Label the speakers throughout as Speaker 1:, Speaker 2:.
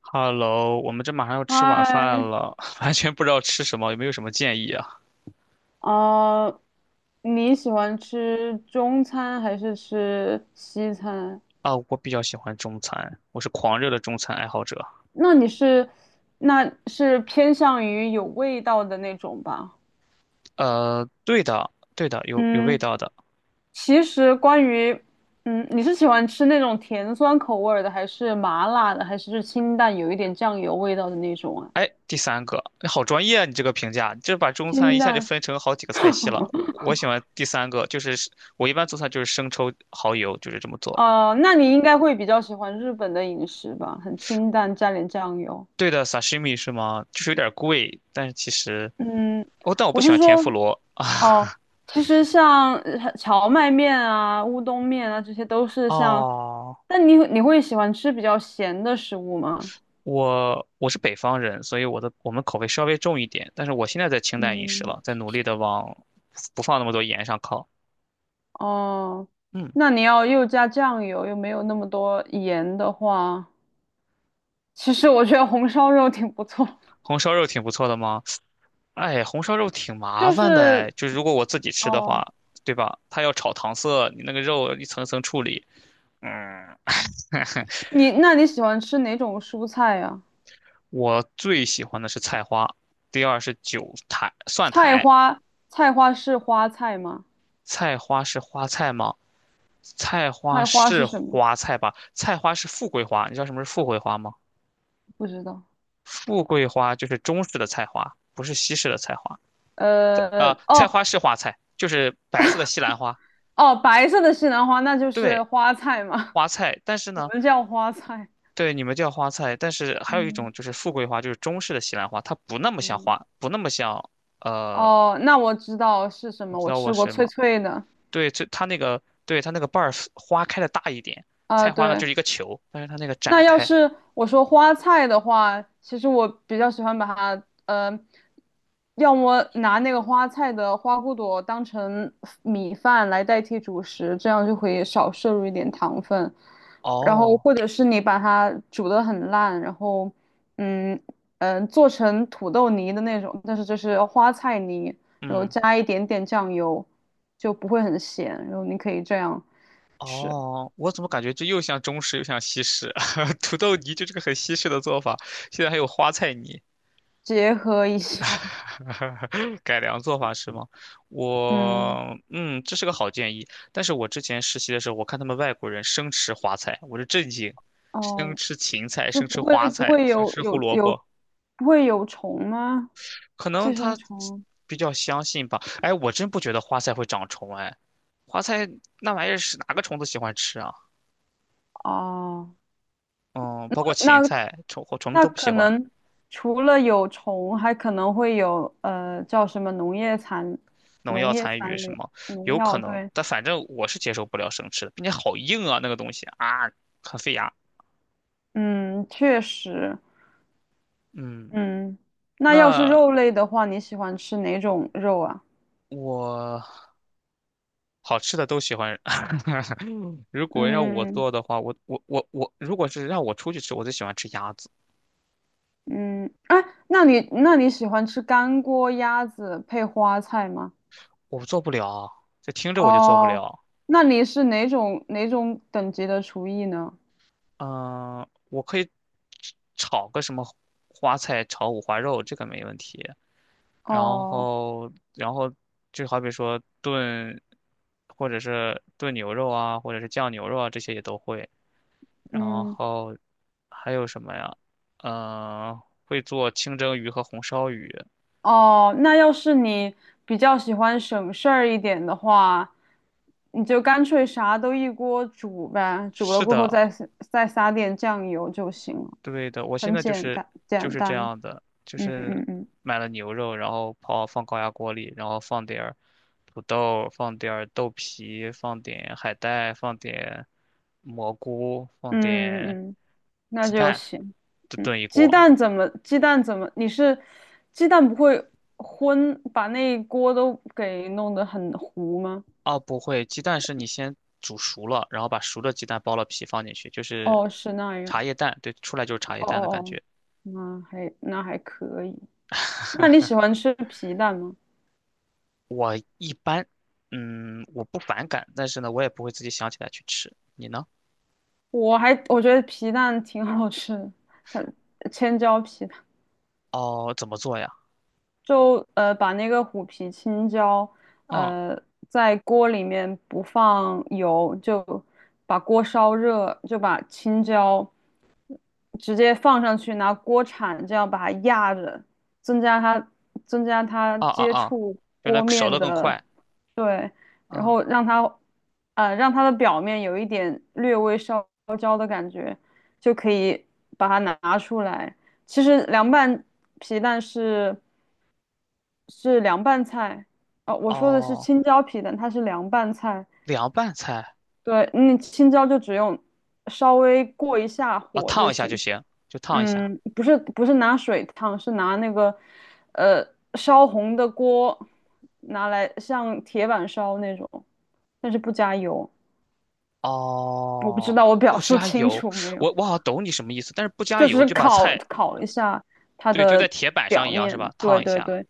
Speaker 1: Hello，我们这马上要吃晚饭
Speaker 2: 嗨，
Speaker 1: 了，完全不知道吃什么，有没有什么建议啊？
Speaker 2: 呃，你喜欢吃中餐还是吃西餐？
Speaker 1: 啊，我比较喜欢中餐，我是狂热的中餐爱好者。
Speaker 2: 那你是，那是偏向于有味道的那种吧？
Speaker 1: 对的，对的，有味
Speaker 2: 嗯，
Speaker 1: 道的。
Speaker 2: 其实关于，你是喜欢吃那种甜酸口味儿的，还是麻辣的，还是清淡有一点酱油味道的那种啊？
Speaker 1: 哎，第三个，哎好专业啊！你这个评价，你这把中餐
Speaker 2: 清
Speaker 1: 一下就
Speaker 2: 淡，
Speaker 1: 分成好几个菜 系了。我喜欢第三个，就是我一般做菜就是生抽、蚝油，就是这么做。
Speaker 2: 哦，那你应该会比较喜欢日本的饮食吧？很清淡，加点酱油。
Speaker 1: 对的，sashimi 是吗？就是有点贵，但是其实
Speaker 2: 嗯，
Speaker 1: 哦，但我
Speaker 2: 我
Speaker 1: 不喜
Speaker 2: 是
Speaker 1: 欢甜
Speaker 2: 说，
Speaker 1: 妇罗。
Speaker 2: 哦，其实像荞麦面啊、乌冬面啊，这些都是像，
Speaker 1: 哦，
Speaker 2: 但你会喜欢吃比较咸的食物吗？
Speaker 1: 我是北方人，所以我们口味稍微重一点，但是我现在在清淡饮食
Speaker 2: 嗯，
Speaker 1: 了，在努力的往不放那么多盐上靠。
Speaker 2: 哦，
Speaker 1: 嗯，
Speaker 2: 那你要又加酱油，又没有那么多盐的话，其实我觉得红烧肉挺不错。
Speaker 1: 红烧肉挺不错的吗？哎，红烧肉挺麻
Speaker 2: 就
Speaker 1: 烦的哎，
Speaker 2: 是
Speaker 1: 就是如果我自己吃的
Speaker 2: 哦，
Speaker 1: 话，对吧？它要炒糖色，你那个肉一层层处理。嗯，
Speaker 2: 你那你喜欢吃哪种蔬菜呀、
Speaker 1: 我最喜欢的是菜花，第二是韭苔、蒜
Speaker 2: 菜
Speaker 1: 苔。
Speaker 2: 花，菜花是花菜吗？
Speaker 1: 菜花是花菜吗？菜花
Speaker 2: 菜花是
Speaker 1: 是
Speaker 2: 什么？
Speaker 1: 花菜吧？菜花是富贵花，你知道什么是富贵花吗？
Speaker 2: 不知道。
Speaker 1: 富贵花就是中式的菜花，不是西式的菜花。菜
Speaker 2: 哦，
Speaker 1: 花是花菜，就是白色的西兰花。
Speaker 2: 哦，白色的西兰花那就是
Speaker 1: 对，
Speaker 2: 花菜嘛，
Speaker 1: 花菜。但是
Speaker 2: 我
Speaker 1: 呢，
Speaker 2: 们叫花菜。
Speaker 1: 对你们叫花菜，但是还有一
Speaker 2: 嗯，
Speaker 1: 种就是富贵花，就是中式的西兰花，它不那么像
Speaker 2: 嗯，
Speaker 1: 花，不那么像呃，
Speaker 2: 哦，那我知道是什
Speaker 1: 你
Speaker 2: 么，
Speaker 1: 知
Speaker 2: 我
Speaker 1: 道我
Speaker 2: 吃过
Speaker 1: 是
Speaker 2: 脆
Speaker 1: 吗？
Speaker 2: 脆的。
Speaker 1: 对，这它那个，对它那个瓣儿花开的大一点，
Speaker 2: 啊、
Speaker 1: 菜花呢就
Speaker 2: 对，
Speaker 1: 是一个球，但是它那个
Speaker 2: 那
Speaker 1: 展
Speaker 2: 要
Speaker 1: 开。
Speaker 2: 是我说花菜的话，其实我比较喜欢把它，要么拿那个花菜的花骨朵当成米饭来代替主食，这样就可以少摄入一点糖分。然后
Speaker 1: 哦，
Speaker 2: 或者是你把它煮得很烂，然后，嗯做成土豆泥的那种，但是这是花菜泥，然后
Speaker 1: 嗯。
Speaker 2: 加一点点酱油，就不会很咸。然后你可以这样吃，
Speaker 1: 哦，我怎么感觉这又像中式又像西式？土豆泥就是个很西式的做法，现在还有花菜泥，
Speaker 2: 结合一下，
Speaker 1: 改良做法是吗？
Speaker 2: 嗯。
Speaker 1: 这是个好建议。但是我之前实习的时候，我看他们外国人生吃花菜，我就震惊，生
Speaker 2: 哦，
Speaker 1: 吃芹菜，
Speaker 2: 是
Speaker 1: 生
Speaker 2: 不
Speaker 1: 吃
Speaker 2: 会
Speaker 1: 花
Speaker 2: 不
Speaker 1: 菜，
Speaker 2: 会
Speaker 1: 生
Speaker 2: 有
Speaker 1: 吃胡
Speaker 2: 有
Speaker 1: 萝
Speaker 2: 有
Speaker 1: 卜，
Speaker 2: 不会有虫吗？
Speaker 1: 可能
Speaker 2: 寄生
Speaker 1: 他
Speaker 2: 虫
Speaker 1: 比较相信吧。哎，我真不觉得花菜会长虫，哎，花菜那玩意儿是哪个虫子喜欢吃啊？
Speaker 2: 啊，
Speaker 1: 嗯，包括芹
Speaker 2: 那
Speaker 1: 菜，虫子
Speaker 2: 那
Speaker 1: 都不喜
Speaker 2: 可
Speaker 1: 欢。
Speaker 2: 能除了有虫，还可能会有叫什么农业残
Speaker 1: 农
Speaker 2: 农
Speaker 1: 药
Speaker 2: 业
Speaker 1: 残余
Speaker 2: 残
Speaker 1: 什
Speaker 2: 留
Speaker 1: 么，
Speaker 2: 农
Speaker 1: 有可
Speaker 2: 药，
Speaker 1: 能，
Speaker 2: 对，
Speaker 1: 但反正我是接受不了生吃的，并且好硬啊，那个东西啊，很费牙。
Speaker 2: 嗯，确实，
Speaker 1: 嗯，
Speaker 2: 嗯，那要是
Speaker 1: 那
Speaker 2: 肉类的话，你喜欢吃哪种肉啊？
Speaker 1: 我好吃的都喜欢。如果让我
Speaker 2: 嗯
Speaker 1: 做的话，我我我我，如果是让我出去吃，我最喜欢吃鸭子，
Speaker 2: 嗯，哎，那你喜欢吃干锅鸭子配花菜吗？
Speaker 1: 我做不了，这听着我就做不
Speaker 2: 哦，
Speaker 1: 了。
Speaker 2: 那你是哪种等级的厨艺呢？
Speaker 1: 嗯、我可以炒个什么花菜炒五花肉，这个没问题。然
Speaker 2: 哦，
Speaker 1: 后然后就好比说炖，或者是炖牛肉啊，或者是酱牛肉啊，这些也都会。然
Speaker 2: 嗯，
Speaker 1: 后还有什么呀？嗯、会做清蒸鱼和红烧鱼。
Speaker 2: 哦，那要是你比较喜欢省事儿一点的话，你就干脆啥都一锅煮呗，煮了
Speaker 1: 是
Speaker 2: 过后
Speaker 1: 的，
Speaker 2: 再撒点酱油就行了，
Speaker 1: 对的，我现
Speaker 2: 很
Speaker 1: 在就
Speaker 2: 简
Speaker 1: 是
Speaker 2: 干
Speaker 1: 就
Speaker 2: 简
Speaker 1: 是这
Speaker 2: 单。
Speaker 1: 样的，就
Speaker 2: 嗯
Speaker 1: 是
Speaker 2: 嗯嗯
Speaker 1: 买了牛肉，然后放高压锅里，然后放点儿土豆，放点儿豆皮，放点海带，放点蘑菇，放
Speaker 2: 嗯
Speaker 1: 点
Speaker 2: 嗯嗯。嗯那
Speaker 1: 鸡
Speaker 2: 就
Speaker 1: 蛋，
Speaker 2: 行。
Speaker 1: 就
Speaker 2: 嗯，
Speaker 1: 炖一
Speaker 2: 鸡
Speaker 1: 锅。
Speaker 2: 蛋怎么？鸡蛋怎么？你是鸡蛋不会昏，把那一锅都给弄得很糊吗？
Speaker 1: 哦，不会，鸡蛋是你先煮熟了，然后把熟的鸡蛋剥了皮放进去，就是
Speaker 2: 哦，是那
Speaker 1: 茶
Speaker 2: 样。
Speaker 1: 叶蛋，对，出来就是茶叶
Speaker 2: 哦哦
Speaker 1: 蛋的感
Speaker 2: 哦，
Speaker 1: 觉。
Speaker 2: 那还可以。那你喜欢吃皮蛋吗？
Speaker 1: 我一般，我不反感，但是呢，我也不会自己想起来去吃。你呢？
Speaker 2: 我觉得皮蛋挺好吃的，像千椒皮蛋。
Speaker 1: 哦，怎么做呀？
Speaker 2: 就把那个虎皮青椒，
Speaker 1: 嗯，
Speaker 2: 呃在锅里面不放油，就把锅烧热，就把青椒直接放上去，拿锅铲这样把它压着，增加它增加它
Speaker 1: 啊啊
Speaker 2: 接
Speaker 1: 啊，
Speaker 2: 触
Speaker 1: 就
Speaker 2: 锅
Speaker 1: 来熟
Speaker 2: 面
Speaker 1: 的更
Speaker 2: 的，
Speaker 1: 快。
Speaker 2: 对，然
Speaker 1: 嗯，
Speaker 2: 后让它让它的表面有一点略微烧焦的感觉，就可以把它拿出来。其实凉拌皮蛋是。是凉拌菜，哦，我说的是
Speaker 1: 哦，
Speaker 2: 青椒皮蛋，它是凉拌菜。
Speaker 1: 凉拌菜
Speaker 2: 对，那青椒就只用稍微过一下
Speaker 1: 啊，
Speaker 2: 火
Speaker 1: 烫
Speaker 2: 就
Speaker 1: 一下就
Speaker 2: 行。
Speaker 1: 行，就烫一下。
Speaker 2: 嗯，不是拿水烫，是拿那个呃烧红的锅拿来像铁板烧那种，但是不加油。我不知
Speaker 1: 哦，
Speaker 2: 道我表
Speaker 1: 不
Speaker 2: 述
Speaker 1: 加
Speaker 2: 清
Speaker 1: 油，
Speaker 2: 楚没有，
Speaker 1: 我好像懂你什么意思，但是不加
Speaker 2: 就只
Speaker 1: 油
Speaker 2: 是
Speaker 1: 就把
Speaker 2: 烤
Speaker 1: 菜，
Speaker 2: 烤一下它
Speaker 1: 对，就在
Speaker 2: 的
Speaker 1: 铁板上
Speaker 2: 表
Speaker 1: 一样是
Speaker 2: 面。
Speaker 1: 吧？
Speaker 2: 对
Speaker 1: 烫一
Speaker 2: 对
Speaker 1: 下。
Speaker 2: 对。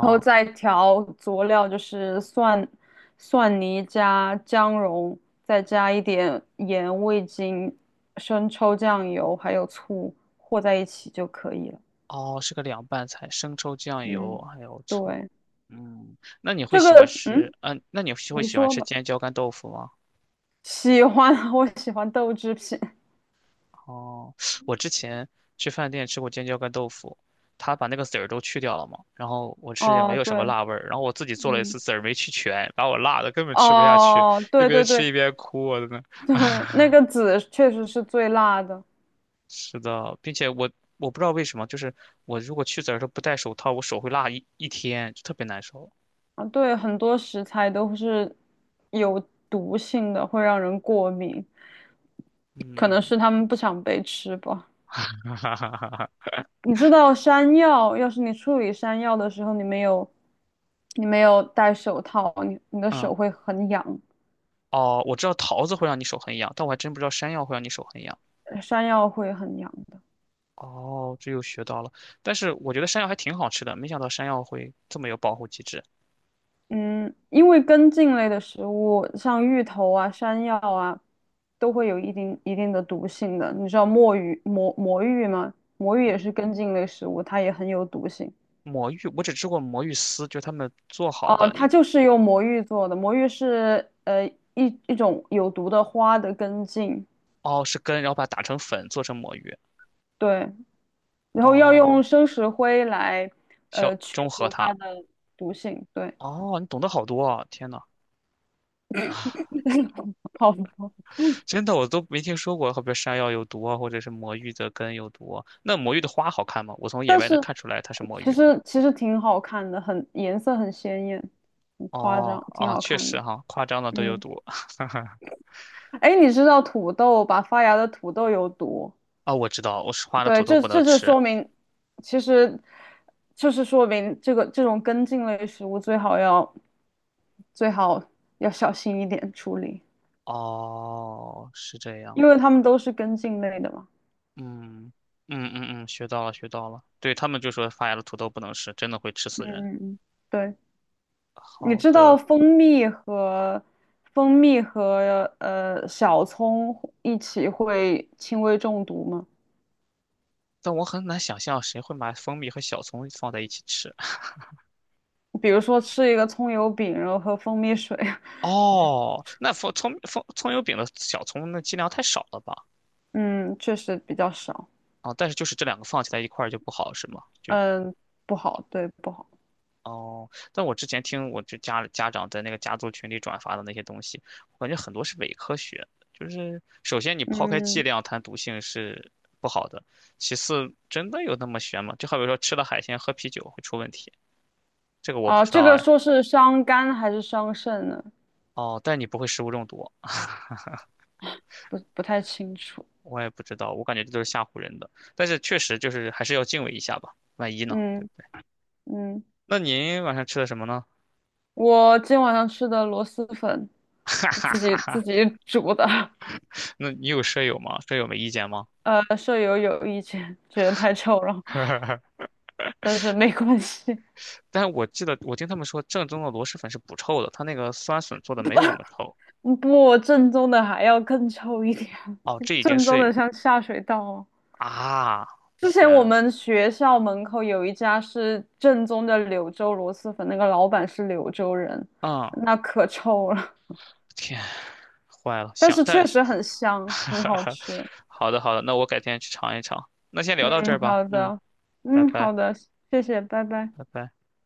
Speaker 2: 然后再调佐料，就是蒜、蒜泥加姜蓉，再加一点盐、味精、生抽、酱油，还有醋和在一起就可以了。
Speaker 1: 哦，是个凉拌菜，生抽、酱油
Speaker 2: 嗯，
Speaker 1: 还有醋。
Speaker 2: 对，
Speaker 1: 嗯，那你会
Speaker 2: 这
Speaker 1: 喜欢
Speaker 2: 个，
Speaker 1: 吃？
Speaker 2: 嗯，
Speaker 1: 嗯、那你会
Speaker 2: 你
Speaker 1: 喜欢
Speaker 2: 说
Speaker 1: 吃
Speaker 2: 吧。
Speaker 1: 尖椒干豆腐吗？
Speaker 2: 喜欢，我喜欢豆制品。
Speaker 1: 哦，我之前去饭店吃过尖椒干豆腐，他把那个籽儿都去掉了嘛，然后我吃也没
Speaker 2: 哦，
Speaker 1: 有什么
Speaker 2: 对，
Speaker 1: 辣味儿，然后我自己做了一
Speaker 2: 嗯，
Speaker 1: 次籽儿没去全，把我辣的根本吃不下去，
Speaker 2: 哦，
Speaker 1: 一
Speaker 2: 对
Speaker 1: 边
Speaker 2: 对
Speaker 1: 吃
Speaker 2: 对
Speaker 1: 一边哭，我真的。
Speaker 2: 对，那个籽确实是最辣的
Speaker 1: 是的，并且我不知道为什么，就是我如果去籽儿的时候不戴手套，我手会辣一天，就特别难受。
Speaker 2: 啊。对，很多食材都是有毒性的，会让人过敏。可能
Speaker 1: 嗯，
Speaker 2: 是他们不想被吃吧。
Speaker 1: 哈哈哈哈哈。
Speaker 2: 你知道山药，要是你处理山药的时候，你没有戴手套，你的
Speaker 1: 嗯，
Speaker 2: 手会很痒，
Speaker 1: 哦，我知道桃子会让你手很痒，但我还真不知道山药会让你手很痒。
Speaker 2: 山药会很痒的。
Speaker 1: 哦，这又学到了。但是我觉得山药还挺好吃的，没想到山药会这么有保护机制。
Speaker 2: 嗯，因为根茎类的食物，像芋头啊、山药啊，都会有一定的毒性的。你知道墨鱼、魔芋吗？魔芋也是根茎类食物，它也很有毒性。
Speaker 1: 魔芋，我只吃过魔芋丝，就是他们做好
Speaker 2: 哦，
Speaker 1: 的
Speaker 2: 它
Speaker 1: 一，
Speaker 2: 就是用魔芋做的。魔芋是一种有毒的花的根茎，
Speaker 1: 哦，是根，然后把它打成粉做成魔芋。
Speaker 2: 对，然后要
Speaker 1: 哦，
Speaker 2: 用生石灰来
Speaker 1: 小
Speaker 2: 去
Speaker 1: 中和
Speaker 2: 除它
Speaker 1: 它。
Speaker 2: 的毒性，对，
Speaker 1: 哦，你懂得好多啊！天呐，
Speaker 2: 好多
Speaker 1: 真的我都没听说过，好比山药有毒啊，或者是魔芋的根有毒啊那魔芋的花好看吗？我从野
Speaker 2: 但
Speaker 1: 外能
Speaker 2: 是
Speaker 1: 看出来它是魔
Speaker 2: 其
Speaker 1: 芋吗？
Speaker 2: 实其实挺好看的，颜色很鲜艳，很夸
Speaker 1: 哦，
Speaker 2: 张，挺
Speaker 1: 啊，
Speaker 2: 好
Speaker 1: 确
Speaker 2: 看
Speaker 1: 实
Speaker 2: 的。
Speaker 1: 哈，夸张的都有
Speaker 2: 嗯，
Speaker 1: 毒
Speaker 2: 哎，你知道土豆把发芽的土豆有毒？
Speaker 1: 啊！我知道，我是花的
Speaker 2: 对，
Speaker 1: 土豆
Speaker 2: 这
Speaker 1: 不能
Speaker 2: 就
Speaker 1: 吃。
Speaker 2: 说明，其实就是说明这个这种根茎类食物最好要最好要小心一点处理，
Speaker 1: 哦，是这样。
Speaker 2: 因为它们都是根茎类的嘛。
Speaker 1: 嗯嗯嗯嗯，学到了学到了。对他们就说发芽的土豆不能吃，真的会吃
Speaker 2: 嗯
Speaker 1: 死人。
Speaker 2: 嗯嗯，对。你
Speaker 1: 好
Speaker 2: 知道
Speaker 1: 的，
Speaker 2: 蜂蜜和小葱一起会轻微中毒吗？
Speaker 1: 但我很难想象谁会把蜂蜜和小葱放在一起吃。
Speaker 2: 比如说吃一个葱油饼，然后喝蜂蜜水，
Speaker 1: 哦，那蜂葱蜂葱油饼的小葱那剂量太少了吧？
Speaker 2: 嗯，确实比较少，
Speaker 1: 啊，但是就是这两个放起来一块儿就不好，是吗？就。
Speaker 2: 嗯，不好，对，不好，
Speaker 1: 哦，但我之前听我就家长在那个家族群里转发的那些东西，我感觉很多是伪科学。就是首先你抛开剂
Speaker 2: 嗯，
Speaker 1: 量谈毒性是不好的，其次真的有那么悬吗？就好比说吃了海鲜喝啤酒会出问题，这个我不
Speaker 2: 啊，
Speaker 1: 知
Speaker 2: 这
Speaker 1: 道
Speaker 2: 个
Speaker 1: 哎。
Speaker 2: 说是伤肝还是伤肾呢？
Speaker 1: 哦，但你不会食物中毒，
Speaker 2: 不太清楚，
Speaker 1: 我也不知道，我感觉这都是吓唬人的。但是确实就是还是要敬畏一下吧，万一呢？
Speaker 2: 嗯嗯，
Speaker 1: 那您晚上吃的什么呢？
Speaker 2: 我今晚上吃的螺蛳粉，我自己煮的，
Speaker 1: 那你有舍友吗？舍友没意见 吗？
Speaker 2: 舍友有意见，觉得太臭了。但是没关系，
Speaker 1: 但是我记得我听他们说，正宗的螺蛳粉是不臭的，它那个酸笋做的没有那么臭。
Speaker 2: 嗯不，正宗的还要更臭一点，
Speaker 1: 哦，这 已经
Speaker 2: 正宗的
Speaker 1: 是
Speaker 2: 像下水道哦。
Speaker 1: 啊，
Speaker 2: 之前我
Speaker 1: 天
Speaker 2: 们学校门口有一家是正宗的柳州螺蛳粉，那个老板是柳州人，
Speaker 1: 啊，嗯
Speaker 2: 那可臭了，
Speaker 1: 天，坏了，
Speaker 2: 但
Speaker 1: 想
Speaker 2: 是确
Speaker 1: 但，
Speaker 2: 实很香，很好 吃。
Speaker 1: 好的好的，那我改天去尝一尝。那先聊到这儿
Speaker 2: 嗯，
Speaker 1: 吧，
Speaker 2: 好
Speaker 1: 嗯，
Speaker 2: 的，
Speaker 1: 拜
Speaker 2: 嗯，
Speaker 1: 拜
Speaker 2: 好的，谢谢，拜拜。
Speaker 1: 拜拜。